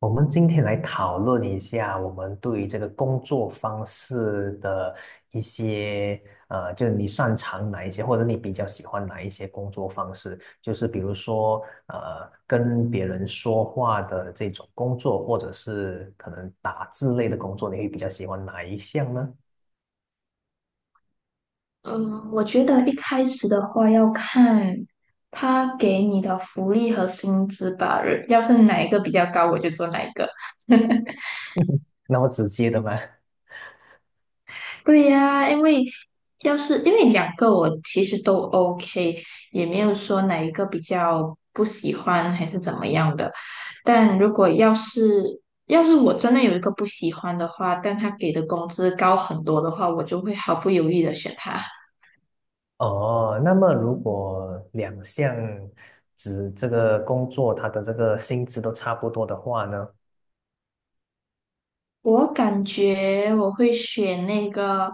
我们今天来讨论一下我们对于这个工作方式的一些，就是你擅长哪一些，或者你比较喜欢哪一些工作方式，就是比如说，跟别人说话的这种工作，或者是可能打字类的工作，你会比较喜欢哪一项呢？嗯，我觉得一开始的话要看他给你的福利和薪资吧，要是哪一个比较高，我就做哪一个。那么直接的吗？对呀，因为因为两个我其实都 OK，也没有说哪一个比较不喜欢还是怎么样的。但如果要是我真的有一个不喜欢的话，但他给的工资高很多的话，我就会毫不犹豫的选他。哦，那么如果两项指这个工作，它的这个薪资都差不多的话呢？我感觉我会选那个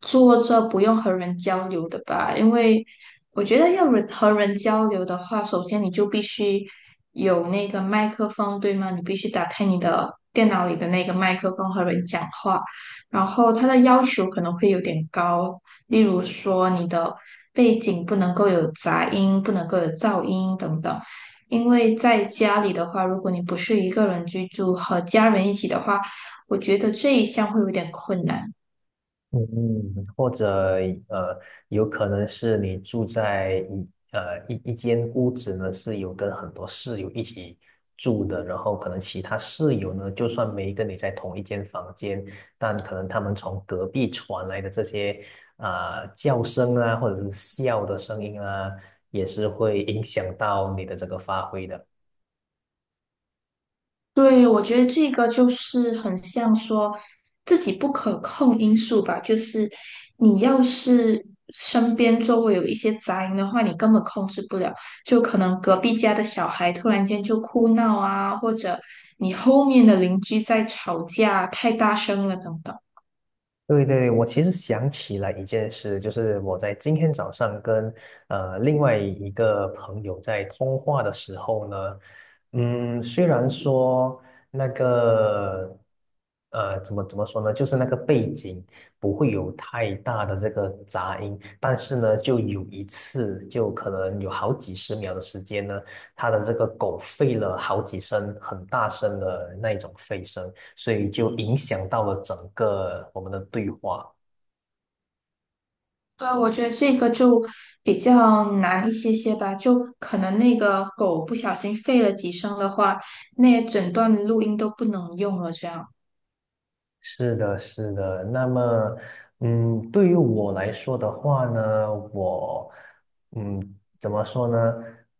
坐着不用和人交流的吧，因为我觉得要人和人交流的话，首先你就必须有那个麦克风，对吗？你必须打开你的电脑里的那个麦克风和人讲话，然后它的要求可能会有点高，例如说你的背景不能够有杂音，不能够有噪音等等。因为在家里的话，如果你不是一个人居住，和家人一起的话，我觉得这一项会有点困难。嗯，或者呃，有可能是你住在一间屋子呢，是有跟很多室友一起住的，然后可能其他室友呢，就算没跟你在同一间房间，但可能他们从隔壁传来的这些啊、叫声啊，或者是笑的声音啊，也是会影响到你的这个发挥的。对，我觉得这个就是很像说自己不可控因素吧，就是你要是身边周围有一些杂音的话，你根本控制不了，就可能隔壁家的小孩突然间就哭闹啊，或者你后面的邻居在吵架，太大声了等等。对对对，我其实想起了一件事，就是我在今天早上跟另外一个朋友在通话的时候呢，虽然说那个怎么说呢，就是那个背景不会有太大的这个杂音，但是呢，就有一次，就可能有好几十秒的时间呢，他的这个狗吠了好几声，很大声的那一种吠声。所以就影响到了整个我们的对话。对，我觉得这个就比较难一些些吧，就可能那个狗不小心吠了几声的话，那整段录音都不能用了。这样是的，是的。那么，对于我来说的话呢，我，嗯，怎么说呢？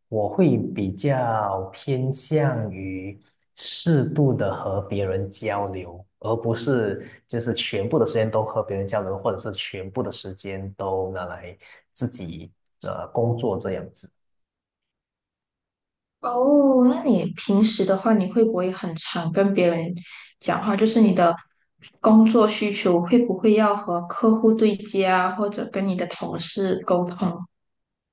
我会比较偏向于适度的和别人交流，而不是就是全部的时间都和别人交流，或者是全部的时间都拿来自己工作这样子。哦，那你平时的话，你会不会很常跟别人讲话？就是你的工作需求会不会要和客户对接啊，或者跟你的同事沟通？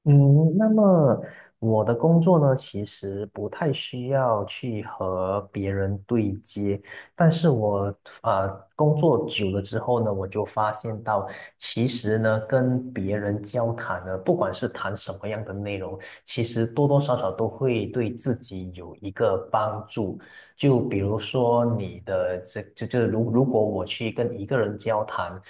嗯，那么我的工作呢，其实不太需要去和别人对接，但是我啊工作久了之后呢，我就发现到，其实呢跟别人交谈呢，不管是谈什么样的内容，其实多多少少都会对自己有一个帮助。就比如说你的这就就是如如果我去跟一个人交谈，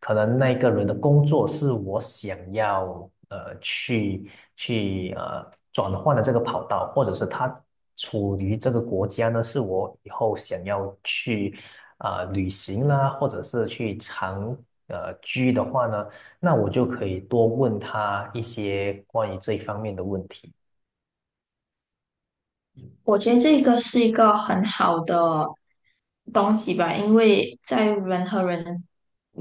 可能那个人的工作是我想要去转换的这个跑道，或者是他处于这个国家呢，是我以后想要去旅行啦，或者是去长居的话呢，那我就可以多问他一些关于这一方面的问题。我觉得这个是一个很好的东西吧，因为在人和人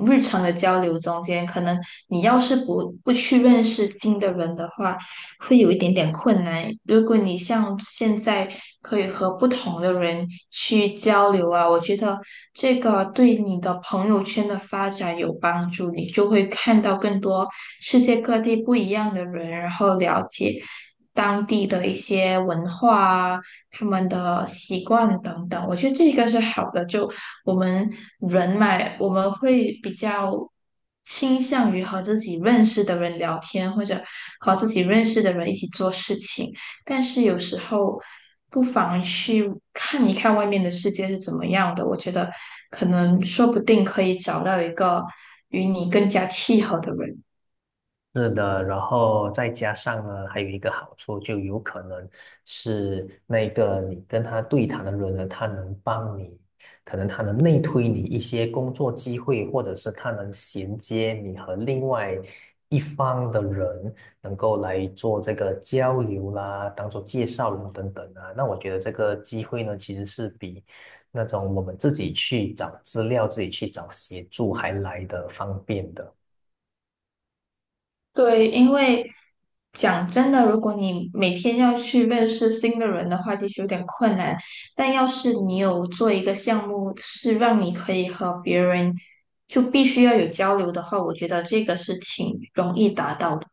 日常的交流中间，可能你要是不去认识新的人的话，会有一点点困难。如果你像现在可以和不同的人去交流啊，我觉得这个对你的朋友圈的发展有帮助，你就会看到更多世界各地不一样的人，然后了解当地的一些文化啊。他们的习惯等等。我觉得这个是好的，就我们人嘛，我们会比较倾向于和自己认识的人聊天，或者和自己认识的人一起做事情。但是有时候不妨去看一看外面的世界是怎么样的。我觉得可能说不定可以找到一个与你更加契合的人。是的，然后再加上呢，还有一个好处，就有可能是那个你跟他对谈的人呢，他能帮你，可能他能内推你一些工作机会，或者是他能衔接你和另外一方的人，能够来做这个交流啦，当做介绍人等等啊。那我觉得这个机会呢，其实是比那种我们自己去找资料、自己去找协助还来的方便的。对，因为讲真的，如果你每天要去认识新的人的话，其实有点困难。但要是你有做一个项目，是让你可以和别人就必须要有交流的话，我觉得这个是挺容易达到的。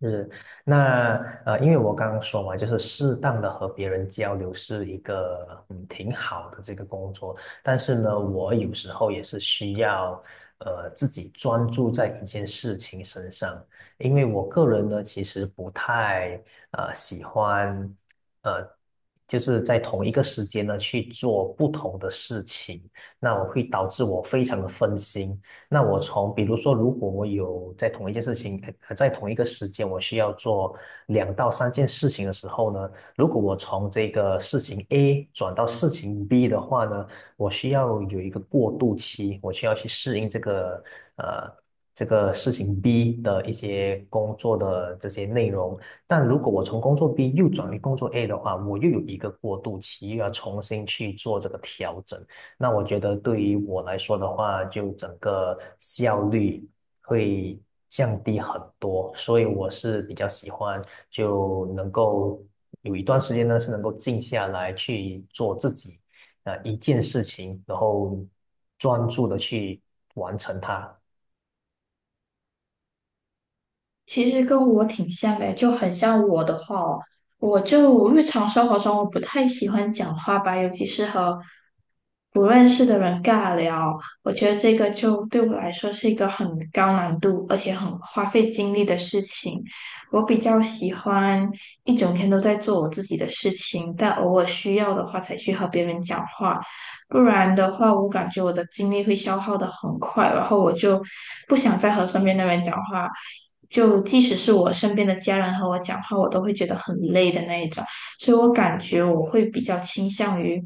是，那因为我刚刚说嘛，就是适当的和别人交流是一个挺好的这个工作，但是呢，我有时候也是需要自己专注在一件事情身上，因为我个人呢其实不太喜欢呃就是在同一个时间呢去做不同的事情，那我会导致我非常的分心。那我从比如说，如果我有在同一件事情，呃，在同一个时间，我需要做两到三件事情的时候呢，如果我从这个事情 A 转到事情 B 的话呢，我需要有一个过渡期，我需要去适应呃这个事情 B 的一些工作的这些内容。但如果我从工作 B 又转为工作 A 的话，我又有一个过渡期，又要重新去做这个调整。那我觉得对于我来说的话，就整个效率会降低很多，所以我是比较喜欢就能够有一段时间呢是能够静下来去做自己一件事情，然后专注的去完成它。其实跟我挺像的，就很像我的话哦，我就日常生活中我不太喜欢讲话吧，尤其是和不认识的人尬聊，我觉得这个就对我来说是一个很高难度，而且很花费精力的事情。我比较喜欢一整天都在做我自己的事情，但偶尔需要的话才去和别人讲话。不然的话，我感觉我的精力会消耗的很快，然后我就不想再和身边的人讲话，就即使是我身边的家人和我讲话，我都会觉得很累的那一种，所以我感觉我会比较倾向于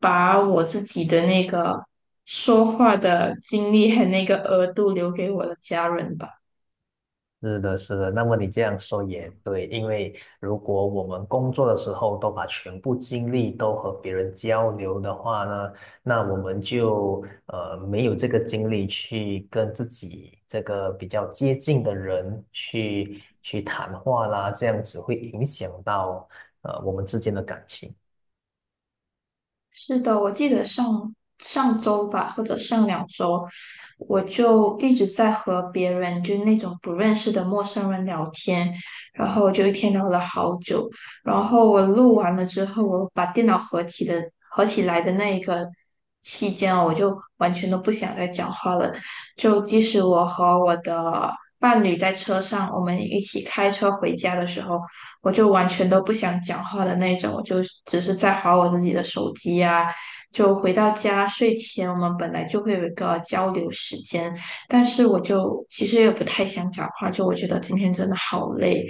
把我自己的那个说话的精力和那个额度留给我的家人吧。是的，是的。那么你这样说也对，因为如果我们工作的时候都把全部精力都和别人交流的话呢，那我们就没有这个精力去跟自己这个比较接近的人去去谈话啦，这样子会影响到我们之间的感情。是的，我记得上上周吧，或者上两周，我就一直在和别人，就是那种不认识的陌生人聊天，然后就一天聊了好久，然后我录完了之后，我把电脑合起来的那一个期间，我就完全都不想再讲话了，就即使我和我的伴侣在车上，我们一起开车回家的时候。我就完全都不想讲话的那种，我就只是在划我自己的手机啊。就回到家睡前，我们本来就会有一个交流时间，但是我就其实也不太想讲话，就我觉得今天真的好累，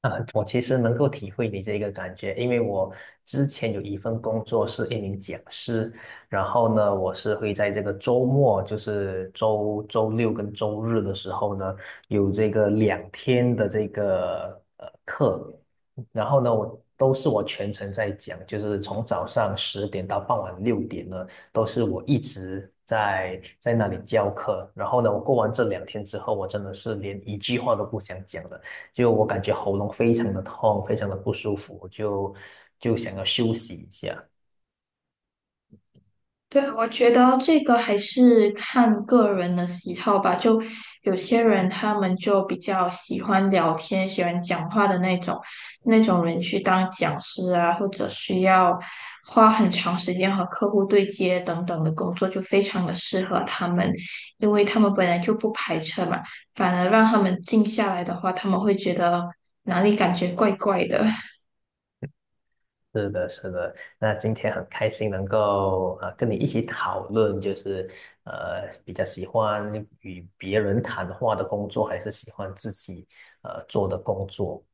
啊，我其实能够体会你这个感觉，因为我之前有一份工作是一名讲师，然后呢，我是会在这个周末，就是周六跟周日的时候呢，有这个两天的这个课，然后呢，我都是我全程在讲，就是从早上10点到傍晚6点呢，都是我一直在那里教课，然后呢，我过完这两天之后，我真的是连一句话都不想讲了。就我感觉喉咙非常的痛，非常的不舒服，就想要休息一下。对，我觉得这个还是看个人的喜好吧。就有些人他们就比较喜欢聊天、喜欢讲话的那种，那种人去当讲师啊，或者需要花很长时间和客户对接等等的工作，就非常的适合他们，因为他们本来就不排斥嘛，反而让他们静下来的话，他们会觉得哪里感觉怪怪的。是的，是的。那今天很开心能够跟你一起讨论，就是比较喜欢与别人谈话的工作，还是喜欢自己做的工作。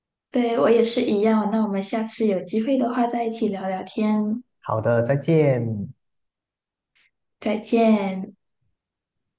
对，我也是一样。那我们下次有机会的话，再一起聊聊天。好的，再见。再见。